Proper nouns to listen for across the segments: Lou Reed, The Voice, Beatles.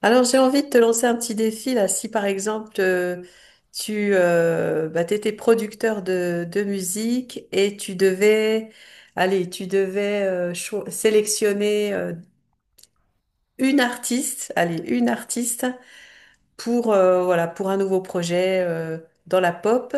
Alors, j'ai envie de te lancer un petit défi là. Si par exemple, tu étais producteur de musique et tu devais, allez, tu devais sélectionner une artiste, allez, une artiste pour, voilà, pour un nouveau projet dans la pop,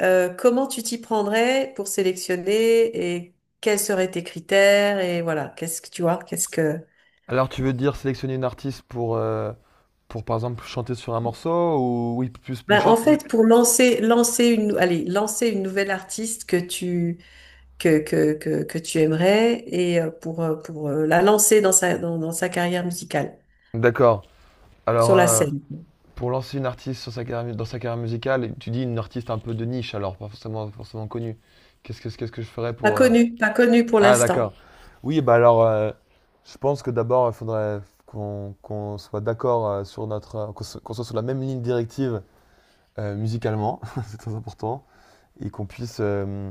comment tu t'y prendrais pour sélectionner et quels seraient tes critères et voilà, qu'est-ce que tu vois, qu'est-ce que... Alors, tu veux dire sélectionner une artiste pour par exemple, chanter sur un morceau ou oui, plus une Ben, en chante. fait, pour lancer allez, lancer une nouvelle artiste que tu aimerais et pour, la lancer dans dans sa carrière musicale, D'accord. Alors, sur la scène. pour lancer une artiste sur sa carrière mu- dans sa carrière musicale, tu dis une artiste un peu de niche, alors pas forcément connue. Qu'est-ce que je ferais Pas pour. connue, pas connue pour Ah, l'instant. d'accord. Oui, bah alors, je pense que d'abord, il faudrait qu'on soit d'accord sur notre. Qu'on soit sur la même ligne directive musicalement, c'est très important, et qu'on puisse.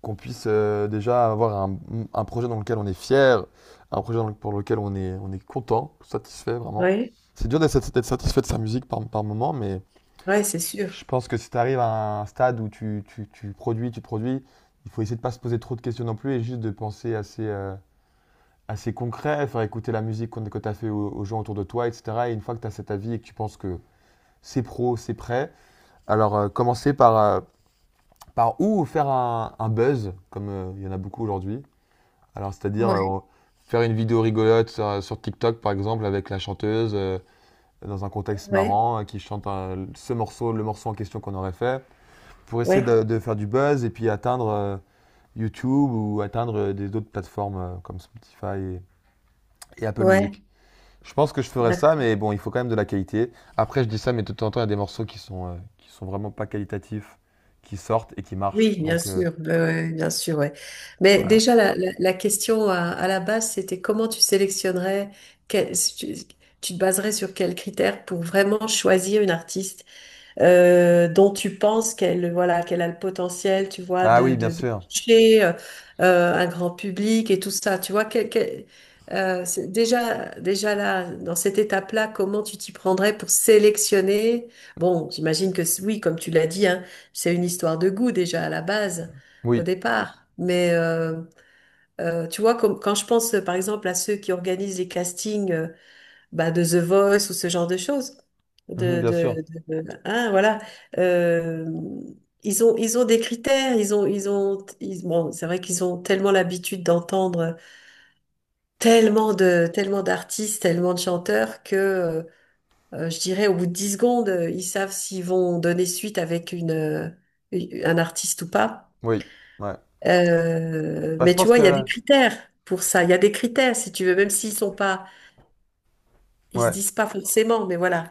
Qu'on puisse déjà avoir un projet dans lequel on est fier, un projet pour lequel on est content, satisfait vraiment. Oui, C'est dur d'être sat- satisfait de sa musique par, par moment, mais ouais, c'est sûr. je pense que si tu arrives à un stade où tu, tu produis, il faut essayer de ne pas se poser trop de questions non plus et juste de penser assez, assez concret, faire écouter la musique que tu as fait aux, aux gens autour de toi, etc. Et une fois que tu as cet avis et que tu penses que c'est prêt, alors commencer par, par où faire un buzz, comme il y en a beaucoup aujourd'hui. Alors, c'est-à-dire Ouais. Faire une vidéo rigolote sur, sur TikTok, par exemple, avec la chanteuse, dans un contexte Ouais, marrant, ce morceau, le morceau en question qu'on aurait fait, pour essayer ouais, de faire du buzz et puis atteindre YouTube ou atteindre des autres plateformes comme Spotify et Apple ouais. Music. Je pense que je ferais D'ac- ça, mais bon, il faut quand même de la qualité. Après, je dis ça, mais de temps en temps, il y a des morceaux qui sont vraiment pas qualitatifs, qui sortent et qui marchent. Oui, bien Donc, sûr, ouais, ouais, bien sûr, ouais. Mais voilà. déjà, la question à la base, c'était comment tu sélectionnerais, quel- si tu, tu te baserais sur quels critères pour vraiment choisir une artiste dont tu penses qu'elle voilà, qu'elle a le potentiel, tu vois, Ah de, oui, bien de, de sûr. toucher un grand public et tout ça. Tu vois, quel- quel- c'est déjà, déjà là, dans cette étape-là, comment tu t'y prendrais pour sélectionner? Bon, j'imagine que c- oui, comme tu l'as dit, hein, c'est une histoire de goût déjà à la base, au Oui. départ. Mais tu vois, comme, quand je pense par exemple à ceux qui organisent les castings bah, de The Voice ou ce genre de choses. Mhm, De, bien sûr. de, hein, voilà. Euh, ils ont des critères, bon, c'est vrai qu'ils ont tellement l'habitude d'entendre tellement de, tellement d'artistes, tellement de chanteurs que, je dirais, au bout de 10 secondes, ils savent s'ils vont donner suite avec un artiste ou pas. Oui, ouais. Bah, je Mais tu pense vois, que il y a des la... critères pour ça. Il y a des critères, si tu veux, même s'ils sont pas, ils se Ouais. disent pas forcément, mais voilà.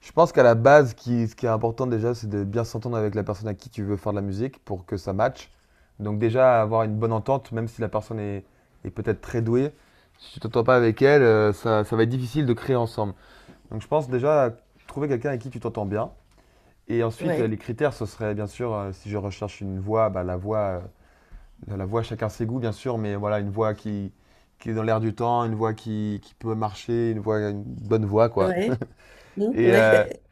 Je pense qu'à la base, ce qui est important déjà, c'est de bien s'entendre avec la personne à qui tu veux faire de la musique pour que ça matche. Donc déjà, avoir une bonne entente, même si la personne est, est peut-être très douée, si tu t'entends pas avec elle, ça, ça va être difficile de créer ensemble. Donc je pense déjà trouver quelqu'un avec qui tu t'entends bien. Et ensuite, Ouais, les critères, ce serait bien sûr, si je recherche une voix, bah, la voix, chacun ses goûts, bien sûr, mais voilà, une voix qui est dans l'air du temps, une voix qui peut marcher, une voix, une bonne voix, quoi. ouais. Et, Ouais.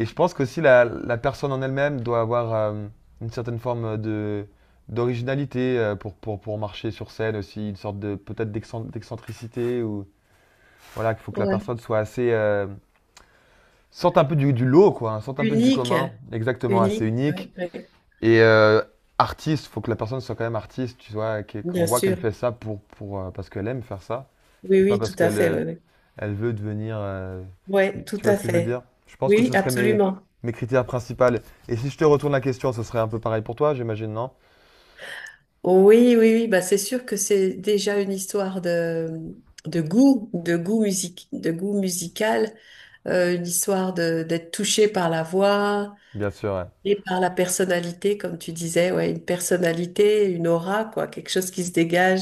et je pense qu'aussi la, la personne en elle-même doit avoir une certaine forme de d'originalité pour marcher sur scène aussi, une sorte de peut-être d'excentricité ou voilà, qu'il faut que la personne soit assez sorte un peu du lot quoi, hein, sorte un peu du Unique, commun, exactement assez unique, ouais, unique ouais. et artiste, faut que la personne soit quand même artiste, tu vois, qu'on Bien voit qu'elle sûr. fait ça pour parce qu'elle aime faire ça Oui, et pas oui, parce tout à qu'elle fait, ouais, ouais. elle veut devenir. Ouais, tout Tu vois à ce que je veux fait. dire? Je pense que Oui, ce serait mes, absolument. mes critères principaux. Et si je te retourne la question, ce serait un peu pareil pour toi, j'imagine, non? Oui, oui, oui, bah c'est sûr que c'est déjà une histoire de goût musique, de goût musical, une histoire de d'être touché par la voix. Bien sûr, ouais. Et par la personnalité, comme tu disais, ouais, une personnalité, une aura, quoi, quelque chose qui se dégage.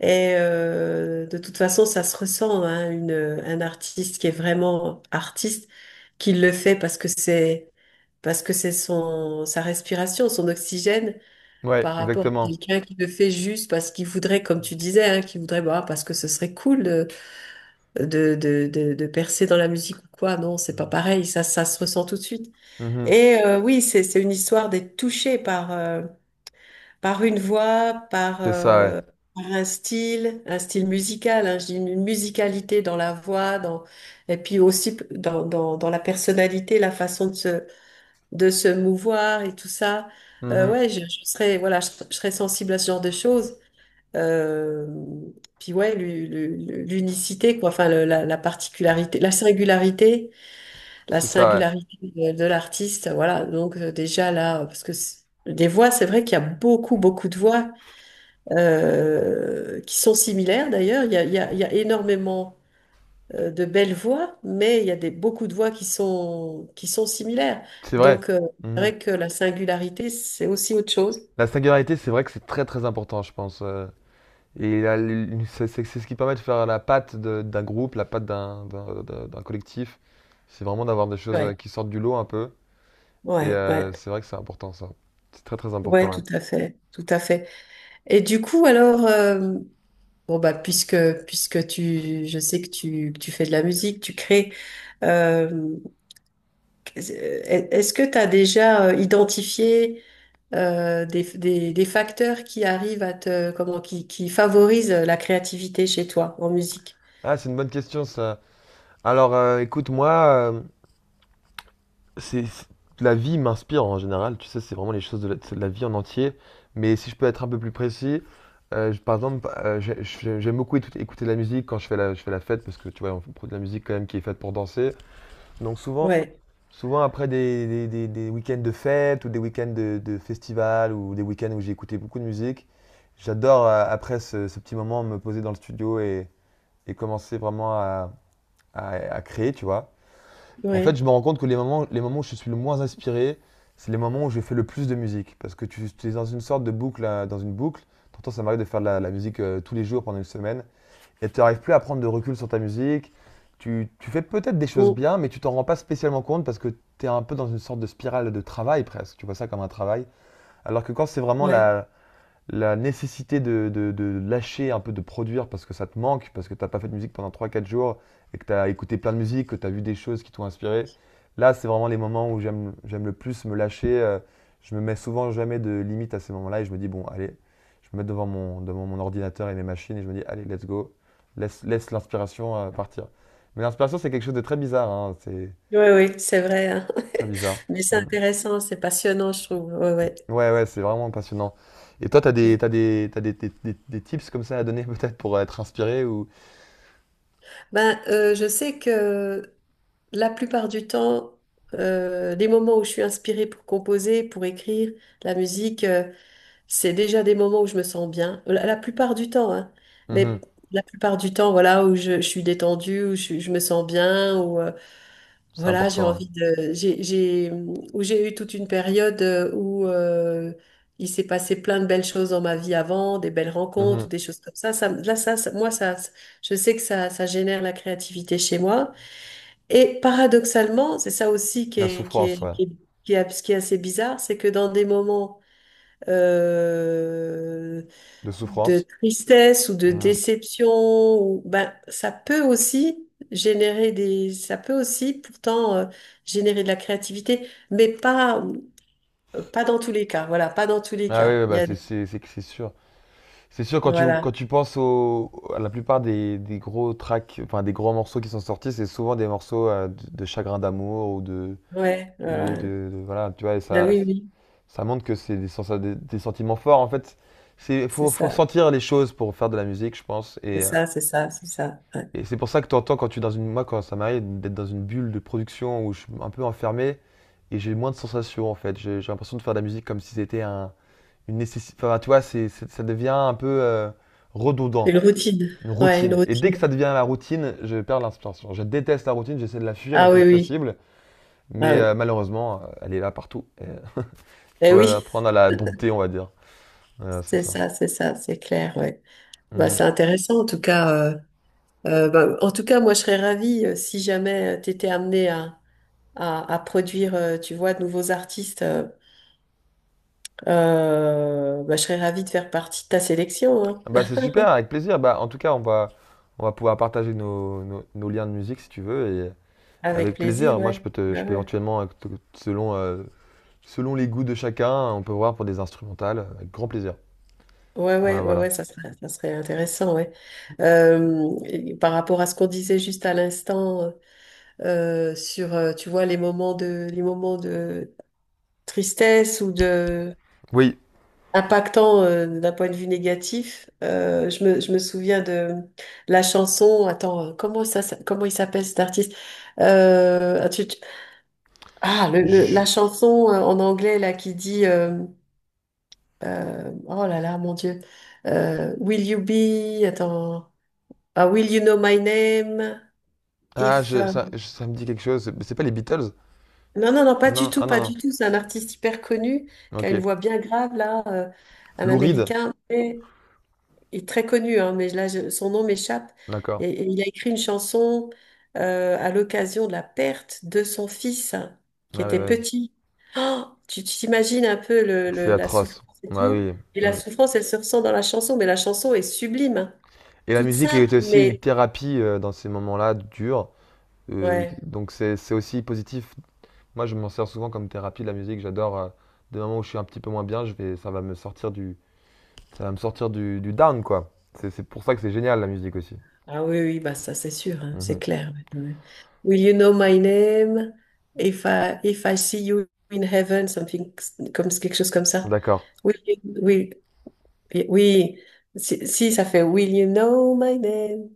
Et de toute façon, ça se ressent, hein, une, un artiste qui est vraiment artiste, qui le fait parce que c'est son sa respiration, son oxygène, Ouais, par rapport à exactement. quelqu'un qui le fait juste parce qu'il voudrait, comme tu disais, hein, qui voudrait, bah, parce que ce serait cool de de percer dans la musique ou quoi. Non, c'est pas pareil. Ça se ressent tout de suite. Mhm. Et oui, c'est une histoire d'être touché par par une voix, par C'est ça, ouais. Par un style musical, hein, je dis une musicalité dans la voix, dans et puis aussi p- dans dans la personnalité, la façon de se mouvoir et tout ça. Mhm. Ouais, je serais voilà, je serais sensible à ce genre de choses. Euh, puis ouais, l'unicité quoi, enfin le- la particularité, la C'est ça, ouais. singularité de l'artiste, voilà. Donc déjà là, parce que c- des voix, c'est vrai qu'il y a beaucoup de voix qui sont similaires d'ailleurs. Il y a énormément de belles voix, mais il y a des, beaucoup de voix qui sont similaires. C'est vrai. Donc c'est Mhm. vrai que la singularité, c'est aussi autre chose. La singularité, c'est vrai que c'est très important, je pense. Et c'est c'est ce qui permet de faire la patte d'un groupe, la patte d'un d'un collectif. C'est vraiment d'avoir des choses Ouais, qui sortent du lot un peu. Et ouais, ouais, c'est vrai que c'est important, ça. C'est très ouais, important, ouais. tout à fait, tout à fait. Et du coup, alors, bon bah, puisque tu, je sais que tu fais de la musique, tu crées. Euh, est-ce que tu as déjà identifié des facteurs qui arrivent à te, comment, qui favorisent la créativité chez toi en musique? Ah, c'est une bonne question ça. Alors, écoute, moi, c'est c'est- la vie m'inspire en général. Tu sais, c'est vraiment les choses de la vie en entier. Mais si je peux être un peu plus précis, je- par exemple, j'aime beaucoup écouter écouter de la musique quand je fais la fête parce que tu vois, on produit de la musique quand même qui est faite pour danser. Donc souvent, Ouais, souvent après des, des week-ends de fête ou des week-ends de festival ou des week-ends où j'ai écouté beaucoup de musique, j'adore après ce, ce petit moment me poser dans le studio et commencer vraiment à créer, tu vois. En fait, ouais, je me rends compte que les moments où je suis le moins inspiré, c'est les moments où je fais le plus de musique. Parce que tu es dans une sorte de boucle, dans une boucle. T'entends, ça m'arrive de faire de la, la musique tous les jours pendant une semaine. Et tu n'arrives plus à prendre de recul sur ta musique. Tu fais peut-être des choses bon, bien, mais tu t'en rends pas spécialement compte parce que tu es un peu dans une sorte de spirale de travail presque. Tu vois ça comme un travail. Alors que quand c'est vraiment ouais, la, la nécessité de, de lâcher un peu de produire parce que ça te manque, parce que t'as pas fait de musique pendant trois quatre jours et que t'as écouté plein de musique, que t'as vu des choses qui t'ont inspiré. Là, c'est vraiment les moments où j'aime, j'aime le plus me lâcher. Euh, je me mets souvent jamais de limite à ces moments-là et je me dis, bon, allez, je me mets devant mon ordinateur et mes machines et je me dis, allez, let's go, laisse, laisse l'inspiration partir. Mais l'inspiration, c'est quelque chose de très bizarre, hein, c'est ouais, ouais, c'est vrai, hein. très bizarre. Mais c'est Mm. intéressant, c'est passionnant, je trouve. Ouais, Ouais, ouais. ouais, ouais, c'est vraiment passionnant. Et toi, t'as des, t'as des, t'as des, des tips comme ça à donner peut-être pour être inspiré ou... Ben, je sais que la plupart du temps, les moments où je suis inspirée pour composer, pour écrire la musique, c'est déjà des moments où je me sens bien, la plupart du temps, hein. Mhm, Mais la plupart du temps, voilà, où je suis détendue, où je me sens bien, où c'est voilà, j'ai important. Hein. envie de, j'ai, où j'ai eu toute une période où il s'est passé plein de belles choses dans ma vie avant, des belles rencontres, Mhm. des choses comme ça. Ça, là, ça- moi, ça, je sais que ça génère la créativité chez moi. Et paradoxalement, c'est ça aussi La souffrance, ouais. Qui est assez bizarre, c'est que dans des moments euh, De de souffrance. tristesse ou de Mhm. déception, ou, ben, ça peut aussi générer des, ça peut aussi pourtant générer de la créativité, mais pas, pas dans tous les cas. Voilà, pas dans tous les Ah oui, cas. ouais, Il y bah a, c'est que c'est sûr. C'est sûr, quand voilà, tu penses au, à la plupart des gros tracks, enfin des gros morceaux qui sont sortis, c'est souvent des morceaux de chagrin d'amour ou de... ouais, ou voilà. de, voilà, tu vois, et Ben ça, oui, oui, ça montre que c'est des, des sentiments forts. En fait, c'est faut ça, sentir les choses pour faire de la musique, je pense. Et, c'est ça, ouais. et c'est pour ça que tu entends quand tu es dans une. Moi, quand ça m'arrive d'être dans une bulle de production où je suis un peu enfermé et j'ai moins de sensations en fait. J'ai l'impression de faire de la musique comme si c'était un, une nécessité. Enfin, tu vois, ça devient un peu redondant, Une routine, une ouais, une routine. Et dès que ça routine. devient la routine, je perds l'inspiration. Je déteste la routine, j'essaie de la fuir le Ah oui, plus oui, possible, ah mais oui. Malheureusement, elle est là partout. Il Eh faut oui, apprendre à la dompter, on va dire. Voilà, c'est c'est ça. ça, c'est clair, ouais. Bah, Mhm. c'est intéressant en tout cas, euh, ben, en tout cas, moi, je serais ravie si jamais tu étais amené à, à produire, tu vois, de nouveaux artistes, ben, je serais ravie de faire partie de ta sélection, hein. Bah, c'est super, avec plaisir. Bah, en tout cas, on va pouvoir partager nos, nos, nos liens de musique si tu veux. Avec Avec plaisir, plaisir. Moi, je ouais. peux te, Ouais, je peux ouais, éventuellement, te- selon, selon les goûts de chacun, on peut voir pour des instrumentales, avec grand plaisir. ouais, Voilà, ouais, ouais, voilà. ouais, ça serait intéressant, ouais. Et par rapport à ce qu'on disait juste à l'instant sur, tu vois, les moments de tristesse ou de Oui. impactant d'un point de vue négatif. Je me souviens de la chanson. Attends, comment ça, ça- comment il s'appelle cet artiste? Euh, ah, tu- tu- ah, le- la je- chanson en anglais là qui dit oh là là, mon Dieu. Will you be? Attends. Ah, Will you know my name? Ah, If ça, ça me dit quelque chose. C'est pas les Beatles? non non non pas du Non, ah tout pas du non, tout. C'est un artiste hyper connu non. qui a une Ok. voix bien grave là, un Lou Reed. Américain. Il est très connu, hein, mais là, je- son nom m'échappe. D'accord. Et il a écrit une chanson à l'occasion de la perte de son fils, hein, qui Ah oui, était ouais. petit. Oh, tu t'imagines un peu C'est le- la atroce. souffrance et Bah tout. oui. Et la Mm. souffrance, elle se ressent dans la chanson, mais la chanson est sublime, hein. Et la Toute musique simple, est aussi une mais thérapie dans ces moments-là durs. Ouais. Donc c'est aussi positif. Moi, je m'en sers souvent comme thérapie, la musique. J'adore. Euh, des moments où je suis un petit peu moins bien, je vais, ça va me sortir du ça va me sortir du down, quoi. C'est pour ça que c'est génial la musique aussi. Ah oui, oui, bah ça c'est sûr, hein, c'est Mhm. clair, ouais, ouais. Will you know my name? If I, if I see you in heaven, something, comme quelque chose comme ça. D'accord. Oui, oui, et oui, si, si, ça fait Will you know my name?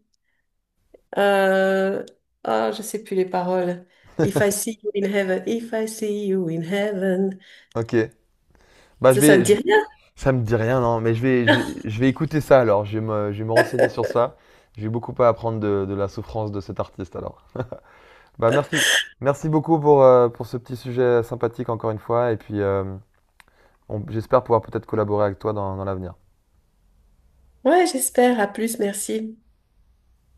Euh, ah, je sais plus les paroles. If I see you in heaven, if I see you in heaven. Ok. Bah je Ça te vais, dit rien? ça me dit rien, non, mais je vais écouter ça alors. Je vais me renseigner sur ça. J'ai beaucoup à apprendre de la souffrance de cet artiste alors. Bah merci, merci beaucoup pour ce petit sujet sympathique encore une fois. Et puis j'espère pouvoir peut-être collaborer avec toi dans, dans l'avenir. Ouais, j'espère. À plus, merci.